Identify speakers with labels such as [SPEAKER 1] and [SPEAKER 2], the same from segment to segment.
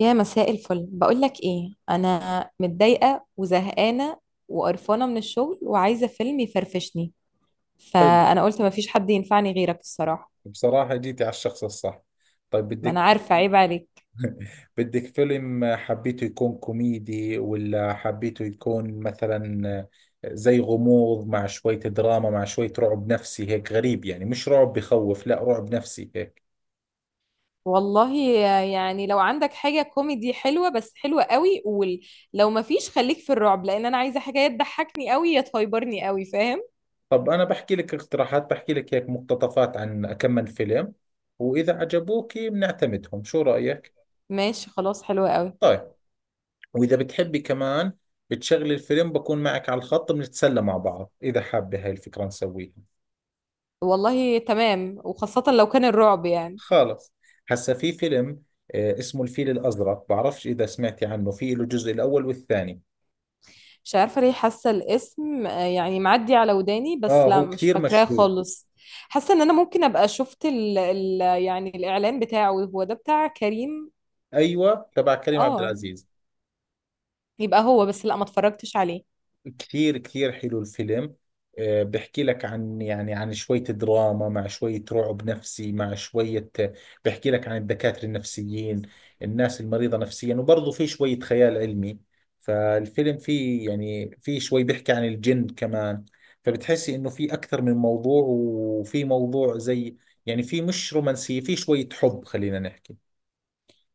[SPEAKER 1] يا مساء الفل، بقول لك ايه، انا متضايقه وزهقانه وقرفانه من الشغل وعايزه فيلم يفرفشني،
[SPEAKER 2] حلو.
[SPEAKER 1] فانا قلت مفيش حد ينفعني غيرك الصراحه.
[SPEAKER 2] بصراحة جيتي على الشخص الصح. طيب
[SPEAKER 1] ما انا
[SPEAKER 2] بدك
[SPEAKER 1] عارفه، عيب عليك.
[SPEAKER 2] بدك فيلم حبيته يكون كوميدي ولا حبيته يكون مثلا زي غموض مع شوية دراما مع شوية رعب نفسي هيك غريب، يعني مش رعب بخوف، لا رعب نفسي هيك.
[SPEAKER 1] والله، يعني لو عندك حاجه كوميدي حلوه، بس حلوه قوي، قول. لو مفيش خليك في الرعب، لان انا عايزه حاجه يا تضحكني قوي يا تهيبرني قوي، فاهم؟
[SPEAKER 2] طب أنا بحكي لك اقتراحات، بحكي لك هيك مقتطفات عن كم من فيلم، وإذا عجبوك بنعتمدهم، شو رأيك؟
[SPEAKER 1] ماشي، خلاص، حلوه قوي.
[SPEAKER 2] طيب، وإذا بتحبي كمان بتشغلي الفيلم بكون معك على الخط بنتسلى مع بعض إذا حابة هاي الفكرة نسويها.
[SPEAKER 1] والله تمام، وخاصه لو كان الرعب، يعني.
[SPEAKER 2] خالص. هسا في فيلم آه، اسمه الفيل الأزرق، بعرفش إذا سمعتي عنه، في له الجزء الأول والثاني.
[SPEAKER 1] مش عارفة ليه حاسة الاسم، يعني معدي على وداني، بس
[SPEAKER 2] آه
[SPEAKER 1] لا
[SPEAKER 2] هو
[SPEAKER 1] مش
[SPEAKER 2] كثير
[SPEAKER 1] فاكراه
[SPEAKER 2] مشهور.
[SPEAKER 1] خالص. حاسة ان انا ممكن ابقى شفت ال يعني الاعلان بتاعه، هو ده بتاع كريم.
[SPEAKER 2] أيوة تبع كريم عبد
[SPEAKER 1] اه،
[SPEAKER 2] العزيز.
[SPEAKER 1] يبقى هو، بس لا ما اتفرجتش عليه.
[SPEAKER 2] كثير كثير حلو الفيلم. آه، بحكي لك عن يعني عن شوية دراما مع شوية رعب نفسي مع شوية، بحكي لك عن الدكاترة النفسيين، الناس المريضة نفسيا، وبرضه في شوية خيال علمي. فالفيلم فيه يعني فيه شوي بيحكي عن الجن كمان. فبتحسي انه في اكثر من موضوع، وفي موضوع زي يعني في مش رومانسية، في شوية حب خلينا نحكي.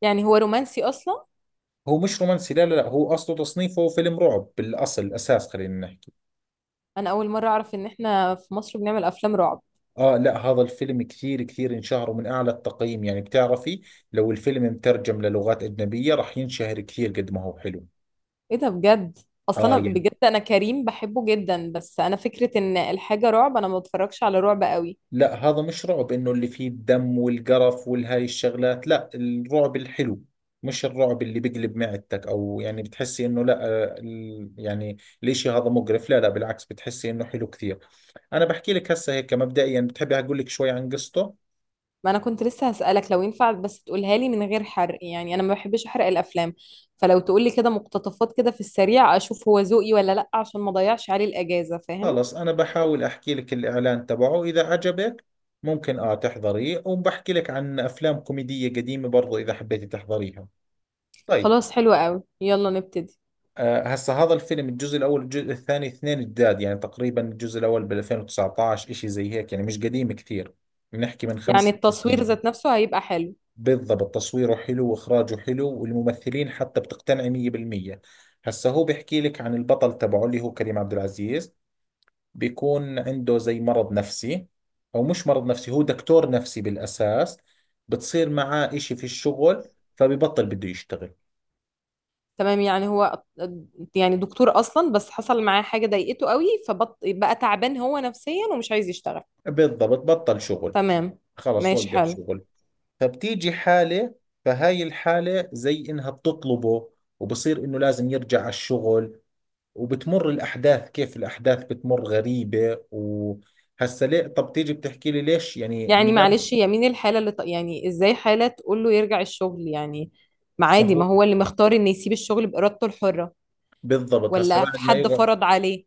[SPEAKER 1] يعني هو رومانسي اصلا؟
[SPEAKER 2] هو مش رومانسي، لا لا لا، هو اصله تصنيفه فيلم رعب بالاصل، اساس خلينا نحكي.
[SPEAKER 1] انا اول مرة اعرف ان احنا في مصر بنعمل افلام رعب.
[SPEAKER 2] آه لا، هذا الفيلم كثير كثير انشهر، ومن أعلى التقييم. يعني بتعرفي لو الفيلم مترجم للغات أجنبية راح ينشهر كثير قد ما هو حلو.
[SPEAKER 1] ايه ده؟ بجد؟
[SPEAKER 2] آه
[SPEAKER 1] اصلا انا
[SPEAKER 2] يعني
[SPEAKER 1] بجد، انا كريم بحبه جدا، بس انا فكرة ان الحاجة رعب، انا ما بتفرجش على رعب قوي.
[SPEAKER 2] لا، هذا مش رعب إنه اللي فيه الدم والقرف والهاي الشغلات، لا الرعب الحلو، مش الرعب اللي بقلب معدتك أو يعني بتحسي إنه لا. آه، يعني الإشي هذا مقرف، لا لا، بالعكس بتحسي إنه حلو كثير. أنا بحكي لك هسه هيك مبدئيا، بتحبي أقول لك شوي عن قصته؟
[SPEAKER 1] ما انا كنت لسه هسألك لو ينفع، بس تقولها لي من غير حرق، يعني انا ما بحبش احرق الافلام. فلو تقول لي كده مقتطفات كده في السريع، اشوف هو ذوقي ولا لا، عشان ما اضيعش عليه الاجازة، فاهم؟
[SPEAKER 2] خلص، أنا بحاول أحكي لك الإعلان تبعه، إذا عجبك ممكن آه تحضريه، وبحكي لك عن أفلام كوميدية قديمة برضو إذا حبيتي تحضريها. طيب.
[SPEAKER 1] خلاص، حلو قوي، يلا نبتدي.
[SPEAKER 2] آه هسا هذا الفيلم، الجزء الأول الجزء الثاني اثنين جداد، يعني تقريبا الجزء الأول بال 2019 إشي زي هيك، يعني مش قديم كثير، بنحكي من خمس
[SPEAKER 1] يعني
[SPEAKER 2] ست
[SPEAKER 1] التصوير
[SPEAKER 2] سنين
[SPEAKER 1] ذات نفسه هيبقى حلو.
[SPEAKER 2] بالضبط، تصويره حلو وإخراجه حلو والممثلين حتى بتقتنعي 100%. هسا هو بيحكي لك عن البطل تبعه اللي هو كريم عبد العزيز، بيكون عنده زي مرض نفسي، او مش مرض نفسي، هو دكتور نفسي بالاساس. بتصير معاه اشي في الشغل فببطل بده يشتغل.
[SPEAKER 1] تمام، يعني هو، يعني دكتور اصلا، بس حصل معاه حاجة ضايقته قوي، فبقى تعبان هو نفسيا ومش عايز يشتغل.
[SPEAKER 2] بالضبط بطل شغل.
[SPEAKER 1] تمام،
[SPEAKER 2] خلص
[SPEAKER 1] ماشي،
[SPEAKER 2] وقف
[SPEAKER 1] حلو.
[SPEAKER 2] شغل. فبتيجي حالة، فهاي الحالة زي انها بتطلبه، وبصير انه لازم يرجع على الشغل، وبتمر الاحداث كيف الاحداث بتمر غريبة، وهسا ليه طب تيجي بتحكي لي ليش يعني ما
[SPEAKER 1] يعني
[SPEAKER 2] دام.
[SPEAKER 1] معلش، هي مين الحالة اللي يعني ازاي حالة تقول له يرجع الشغل يعني؟ ما
[SPEAKER 2] ما
[SPEAKER 1] عادي، ما
[SPEAKER 2] هو
[SPEAKER 1] هو اللي مختار انه يسيب الشغل بإرادته الحرة.
[SPEAKER 2] بالضبط، هسا
[SPEAKER 1] ولا في
[SPEAKER 2] بعد ما
[SPEAKER 1] حد
[SPEAKER 2] يقعد،
[SPEAKER 1] فرض عليه؟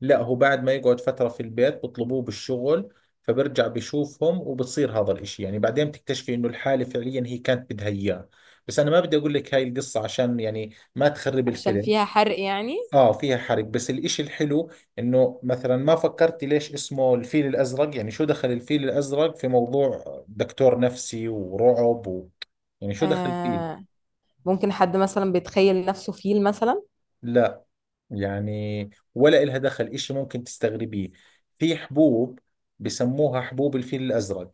[SPEAKER 2] لا هو بعد ما يقعد فترة في البيت بطلبوه بالشغل، فبرجع بشوفهم وبتصير هذا الاشي. يعني بعدين بتكتشفي انه الحالة فعليا هي كانت بدها اياه. بس انا ما بدي اقول لك هاي القصة عشان يعني ما تخرب
[SPEAKER 1] عشان
[SPEAKER 2] الفيلم.
[SPEAKER 1] فيها حرق يعني؟
[SPEAKER 2] اه فيها حرق، بس الاشي الحلو انه مثلا ما فكرتي ليش اسمه الفيل الازرق، يعني شو دخل الفيل الازرق في موضوع دكتور نفسي ورعب يعني شو دخل فيه.
[SPEAKER 1] آه، ممكن حد مثلا بيتخيل نفسه فيل مثلا.
[SPEAKER 2] لا، يعني ولا إلها دخل إشي ممكن تستغربيه. في حبوب بسموها حبوب الفيل الأزرق،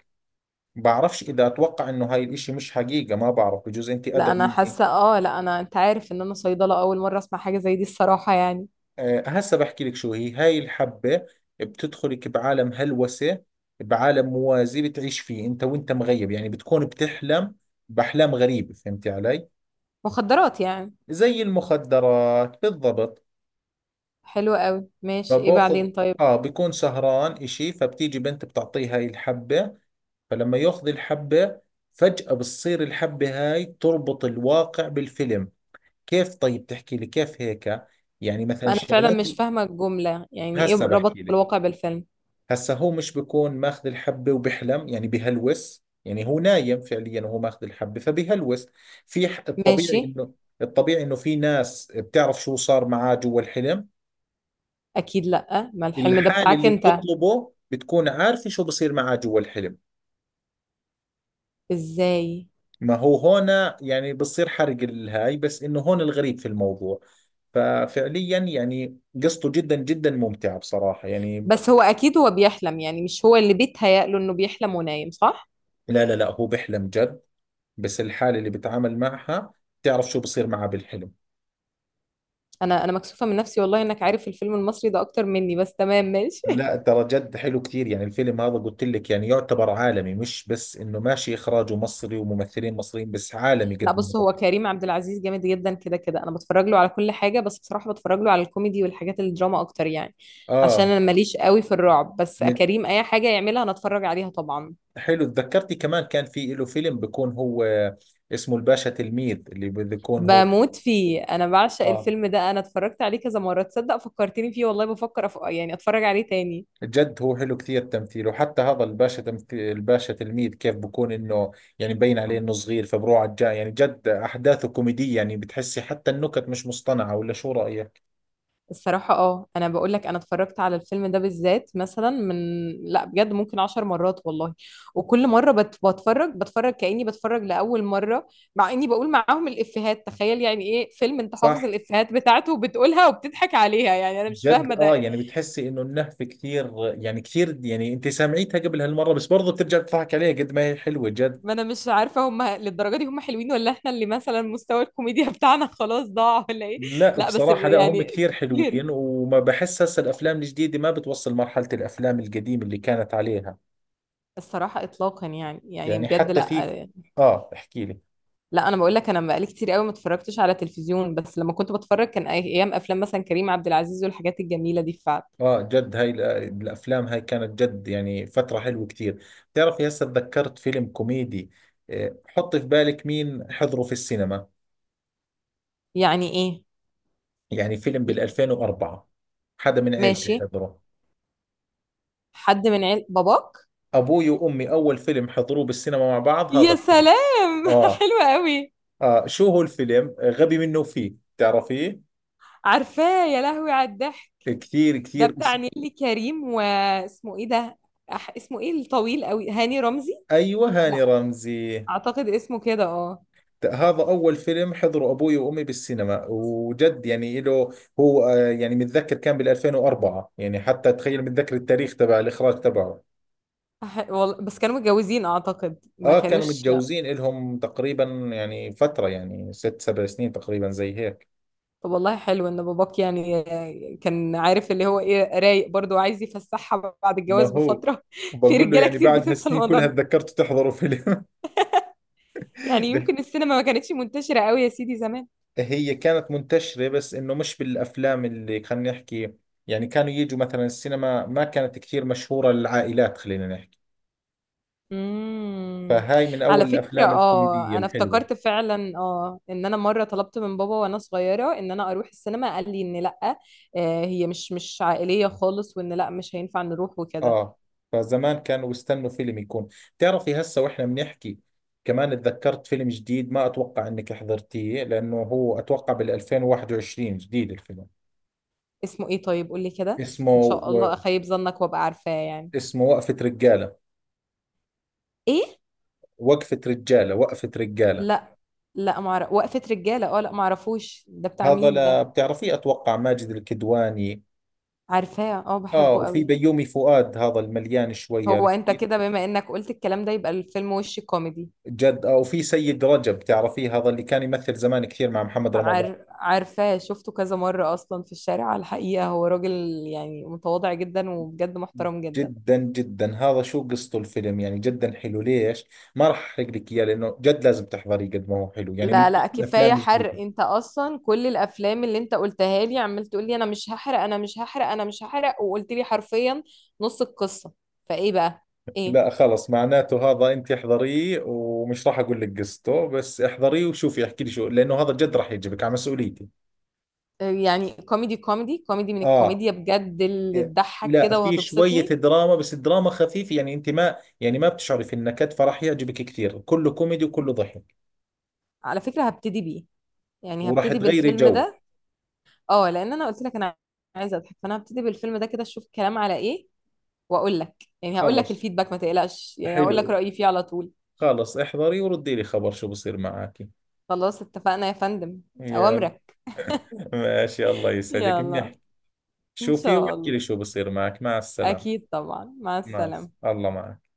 [SPEAKER 2] بعرفش إذا أتوقع إنه هاي الإشي مش حقيقة، ما بعرف، بجوز أنت
[SPEAKER 1] لا
[SPEAKER 2] أدرى
[SPEAKER 1] انا
[SPEAKER 2] مني.
[SPEAKER 1] حاسة، لا انا، انت عارف ان انا صيدلة، اول مرة اسمع حاجة زي دي الصراحة يعني.
[SPEAKER 2] أه هسا بحكي لك شو هي هاي الحبة. بتدخلك بعالم هلوسة، بعالم موازي بتعيش فيه أنت، وأنت مغيب، يعني بتكون بتحلم بأحلام غريبة، فهمتي علي؟
[SPEAKER 1] مخدرات يعني.
[SPEAKER 2] زي المخدرات بالضبط.
[SPEAKER 1] حلو قوي، ماشي، ايه
[SPEAKER 2] فباخذ
[SPEAKER 1] بعدين؟ طيب.
[SPEAKER 2] اه بكون سهران إشي، فبتيجي بنت بتعطيه هاي الحبة، فلما يأخذ الحبة فجأة بتصير الحبة هاي تربط الواقع بالفيلم. كيف؟ طيب تحكي لي كيف هيك. يعني مثلا
[SPEAKER 1] ما انا فعلا
[SPEAKER 2] الشغلات
[SPEAKER 1] مش فاهمة الجملة، يعني ايه
[SPEAKER 2] هسا
[SPEAKER 1] ربط
[SPEAKER 2] بحكي لك.
[SPEAKER 1] الواقع بالفيلم؟
[SPEAKER 2] هسا هو مش بكون ماخذ الحبة وبحلم، يعني بهلوس، يعني هو نايم فعليا وهو ماخذ الحبة فبهلوس. في
[SPEAKER 1] ماشي.
[SPEAKER 2] الطبيعي انه الطبيعي انه في ناس بتعرف شو صار معاه جوا الحلم.
[SPEAKER 1] اكيد، لا ما الحلم ده
[SPEAKER 2] الحالة
[SPEAKER 1] بتاعك
[SPEAKER 2] اللي
[SPEAKER 1] انت.
[SPEAKER 2] بتطلبه بتكون عارفة شو بصير معاه جوا الحلم.
[SPEAKER 1] ازاي؟
[SPEAKER 2] ما هو هون، يعني بصير حرق الهاي، بس انه هون الغريب في الموضوع، ففعليا يعني قصته جدا جدا ممتعة بصراحة، يعني
[SPEAKER 1] بس هو اكيد هو بيحلم، يعني مش هو اللي بيتهيأ له انه بيحلم ونايم، صح؟
[SPEAKER 2] لا لا لا، هو بيحلم جد، بس الحالة اللي بتعامل معها بتعرف شو بصير معها بالحلم.
[SPEAKER 1] انا مكسوفه من نفسي والله، انك عارف الفيلم المصري ده اكتر مني، بس تمام ماشي.
[SPEAKER 2] لا ترى جد حلو كثير، يعني الفيلم هذا قلت لك يعني يعتبر عالمي، مش بس انه ماشي اخراجه مصري وممثلين مصريين، بس عالمي
[SPEAKER 1] لا
[SPEAKER 2] قد ما
[SPEAKER 1] بص،
[SPEAKER 2] هو.
[SPEAKER 1] هو كريم عبد العزيز جامد جدا، كده كده انا بتفرج له على كل حاجه، بس بصراحه بتفرج له على الكوميدي والحاجات الدراما اكتر يعني. عشان
[SPEAKER 2] اه.
[SPEAKER 1] انا ماليش قوي في الرعب، بس
[SPEAKER 2] من
[SPEAKER 1] كريم اي حاجه يعملها انا اتفرج عليها طبعا.
[SPEAKER 2] حلو تذكرتي كمان، كان في له فيلم بيكون هو اسمه الباشا تلميذ اللي بيكون هو.
[SPEAKER 1] بموت فيه، انا بعشق
[SPEAKER 2] اه
[SPEAKER 1] الفيلم ده، انا اتفرجت عليه كذا مره، تصدق فكرتني فيه والله، بفكر يعني اتفرج عليه تاني.
[SPEAKER 2] جد هو حلو كثير تمثيله، وحتى هذا الباشا، تمثيل الباشا تلميذ كيف بكون انه يعني مبين عليه انه صغير فبروح على الجاي، يعني جد احداثه كوميدية، يعني بتحسي حتى النكت مش مصطنعة ولا شو رأيك؟
[SPEAKER 1] الصراحة، انا بقول لك انا اتفرجت على الفيلم ده بالذات مثلا من، لا بجد ممكن عشر مرات والله. وكل مرة بت... بتفرج بتفرج كأني بتفرج لأول مرة، مع اني بقول معاهم الإفيهات، تخيل يعني ايه فيلم انت
[SPEAKER 2] صح.
[SPEAKER 1] حافظ الإفيهات بتاعته وبتقولها وبتضحك عليها، يعني انا مش
[SPEAKER 2] جد
[SPEAKER 1] فاهمة ده.
[SPEAKER 2] اه يعني بتحسي انه النهفة كثير، يعني كثير، يعني انت سامعيتها قبل هالمرة بس برضه بترجع تضحك عليها قد ما هي حلوة جد.
[SPEAKER 1] ما انا مش عارفة هم للدرجة دي هم حلوين، ولا احنا اللي مثلا مستوى الكوميديا بتاعنا خلاص ضاع، ولا ايه؟
[SPEAKER 2] لا
[SPEAKER 1] لا بس
[SPEAKER 2] بصراحة لا، هم
[SPEAKER 1] يعني،
[SPEAKER 2] كثير
[SPEAKER 1] كتير.
[SPEAKER 2] حلوين، وما بحس هسه الافلام الجديدة ما بتوصل مرحلة الافلام القديمة اللي كانت عليها.
[SPEAKER 1] الصراحة إطلاقا، يعني
[SPEAKER 2] يعني
[SPEAKER 1] بجد
[SPEAKER 2] حتى
[SPEAKER 1] لا.
[SPEAKER 2] في اه احكي لي.
[SPEAKER 1] لا انا بقول لك، انا بقالي كتير قوي ما اتفرجتش على تلفزيون، بس لما كنت بتفرج كان ايام افلام مثلا كريم عبد العزيز والحاجات الجميله دي فعلا.
[SPEAKER 2] اه جد هاي الافلام هاي كانت جد يعني فترة حلوة كتير. بتعرفي هسه تذكرت فيلم كوميدي آه، حطي في بالك مين حضره في السينما.
[SPEAKER 1] يعني ايه؟
[SPEAKER 2] يعني فيلم
[SPEAKER 1] ي-
[SPEAKER 2] بال2004، حدا من عيلتي
[SPEAKER 1] ماشي.
[SPEAKER 2] حضره.
[SPEAKER 1] حد من عيل باباك؟
[SPEAKER 2] ابوي وامي اول فيلم حضروه بالسينما مع بعض هذا
[SPEAKER 1] يا
[SPEAKER 2] الفيلم.
[SPEAKER 1] سلام.
[SPEAKER 2] اه.
[SPEAKER 1] حلوه قوي.
[SPEAKER 2] اه شو هو الفيلم آه، غبي منه فيه، بتعرفيه؟
[SPEAKER 1] عارفاه، يا لهوي على الضحك.
[SPEAKER 2] كثير
[SPEAKER 1] ده
[SPEAKER 2] كثير
[SPEAKER 1] بتاع
[SPEAKER 2] اسم.
[SPEAKER 1] نيللي كريم، واسمه ايه ده؟ اسمه ايه الطويل قوي؟ هاني رمزي؟
[SPEAKER 2] ايوه هاني
[SPEAKER 1] لا.
[SPEAKER 2] رمزي.
[SPEAKER 1] اعتقد اسمه كده، اه.
[SPEAKER 2] هذا أول فيلم حضره أبوي وأمي بالسينما، وجد يعني له هو آه، يعني متذكر كان بال 2004، يعني حتى تخيل متذكر التاريخ تبع الإخراج تبعه.
[SPEAKER 1] والله، بس كانوا متجوزين، اعتقد ما
[SPEAKER 2] آه كانوا
[SPEAKER 1] كانوش.
[SPEAKER 2] متجوزين إلهم تقريبا، يعني فترة يعني 6 7 سنين تقريبا زي هيك.
[SPEAKER 1] طب والله حلو ان باباك، يعني كان عارف اللي هو ايه، رايق برضه وعايز يفسحها بعد
[SPEAKER 2] ما
[SPEAKER 1] الجواز
[SPEAKER 2] هو
[SPEAKER 1] بفتره. في
[SPEAKER 2] بقول له
[SPEAKER 1] رجاله
[SPEAKER 2] يعني
[SPEAKER 1] كتير
[SPEAKER 2] بعد
[SPEAKER 1] بتنسى
[SPEAKER 2] هالسنين
[SPEAKER 1] الموضوع
[SPEAKER 2] كلها
[SPEAKER 1] ده.
[SPEAKER 2] تذكرت تحضروا فيلم.
[SPEAKER 1] يعني يمكن السينما ما كانتش منتشره قوي يا سيدي زمان.
[SPEAKER 2] هي كانت منتشرة بس إنه مش بالأفلام اللي خلينا نحكي، يعني كانوا يجوا مثلا السينما ما كانت كثير مشهورة للعائلات خلينا نحكي.
[SPEAKER 1] امم.
[SPEAKER 2] فهاي من أول
[SPEAKER 1] على فكره،
[SPEAKER 2] الأفلام الكوميدية
[SPEAKER 1] انا
[SPEAKER 2] الحلوة.
[SPEAKER 1] افتكرت فعلا، ان انا مره طلبت من بابا وانا صغيره ان انا اروح السينما، قال لي ان لا، هي مش عائليه خالص، وان لا مش هينفع نروح وكده.
[SPEAKER 2] آه فزمان كانوا بيستنوا فيلم يكون. بتعرفي هسه وإحنا بنحكي كمان اتذكرت فيلم جديد، ما أتوقع إنك حضرتيه لأنه هو أتوقع بال2021 جديد الفيلم.
[SPEAKER 1] اسمه ايه؟ طيب قول لي كده.
[SPEAKER 2] اسمه
[SPEAKER 1] ان شاء
[SPEAKER 2] و...
[SPEAKER 1] الله اخيب ظنك وابقى عارفاه يعني.
[SPEAKER 2] اسمه وقفة رجالة.
[SPEAKER 1] ايه؟
[SPEAKER 2] وقفة رجالة، وقفة رجالة.
[SPEAKER 1] لا. لا معرف وقفة رجالة، اه لا معرفوش، ده بتاع
[SPEAKER 2] هذا
[SPEAKER 1] مين
[SPEAKER 2] لا
[SPEAKER 1] ده؟
[SPEAKER 2] بتعرفيه أتوقع، ماجد الكدواني.
[SPEAKER 1] عارفاه، اه
[SPEAKER 2] آه
[SPEAKER 1] بحبه
[SPEAKER 2] وفي
[SPEAKER 1] قوي.
[SPEAKER 2] بيومي فؤاد هذا المليان شوي،
[SPEAKER 1] هو انت
[SPEAKER 2] عرفتي؟
[SPEAKER 1] كده بما انك قلت الكلام ده يبقى الفيلم وش كوميدي؟
[SPEAKER 2] جد آه وفي سيد رجب، تعرفيه؟ هذا اللي كان يمثل زمان كثير مع محمد رمضان.
[SPEAKER 1] عارفاه، شفته كذا مرة اصلا في الشارع على الحقيقة، هو راجل يعني متواضع جدا، وبجد محترم جدا.
[SPEAKER 2] جدا جدا. هذا شو قصته الفيلم، يعني جدا حلو، ليش ما راح احرق لك اياه لانه جد لازم تحضريه قد ما هو حلو، يعني من
[SPEAKER 1] لا،
[SPEAKER 2] أحلى
[SPEAKER 1] لا،
[SPEAKER 2] الافلام
[SPEAKER 1] كفاية حرق،
[SPEAKER 2] الجديده.
[SPEAKER 1] انت اصلا كل الافلام اللي انت قلتها لي عمال تقول لي انا مش هحرق، انا مش هحرق، انا مش هحرق، وقلت لي حرفيا نص القصة. فايه بقى؟ ايه؟
[SPEAKER 2] لا خلص، معناته هذا انت احضريه ومش راح اقول لك قصته، بس احضريه وشوفي احكي لي شو، لانه هذا جد راح يعجبك على مسؤوليتي.
[SPEAKER 1] يعني كوميدي كوميدي كوميدي، من
[SPEAKER 2] اه
[SPEAKER 1] الكوميديا بجد اللي
[SPEAKER 2] إيه،
[SPEAKER 1] تضحك
[SPEAKER 2] لا
[SPEAKER 1] كده
[SPEAKER 2] في شوية
[SPEAKER 1] وهتبسطني؟
[SPEAKER 2] دراما، بس الدراما خفيفة، يعني انت ما يعني ما بتشعري في النكد، فراح يعجبك كثير، كله كوميدي وكله ضحك
[SPEAKER 1] على فكرة هبتدي بيه، يعني
[SPEAKER 2] وراح
[SPEAKER 1] هبتدي
[SPEAKER 2] تغيري
[SPEAKER 1] بالفيلم
[SPEAKER 2] جو.
[SPEAKER 1] ده. اه، لان انا قلت لك انا عايزة اضحك، فانا هبتدي بالفيلم ده كده اشوف الكلام على ايه، واقول لك. يعني هقول لك
[SPEAKER 2] خلص
[SPEAKER 1] الفيدباك ما تقلقش، يعني هقول لك
[SPEAKER 2] حلو،
[SPEAKER 1] رأيي فيه على طول.
[SPEAKER 2] خلص احضري وردي لي خبر شو بصير معك.
[SPEAKER 1] خلاص اتفقنا يا فندم.
[SPEAKER 2] يلا،
[SPEAKER 1] اوامرك.
[SPEAKER 2] ماشي الله يسعدك
[SPEAKER 1] يلا.
[SPEAKER 2] بنحكي.
[SPEAKER 1] ان
[SPEAKER 2] شوفي
[SPEAKER 1] شاء
[SPEAKER 2] واحكي لي
[SPEAKER 1] الله.
[SPEAKER 2] شو بصير معك، مع السلامة.
[SPEAKER 1] اكيد طبعا، مع
[SPEAKER 2] مع
[SPEAKER 1] السلامة.
[SPEAKER 2] الله معك.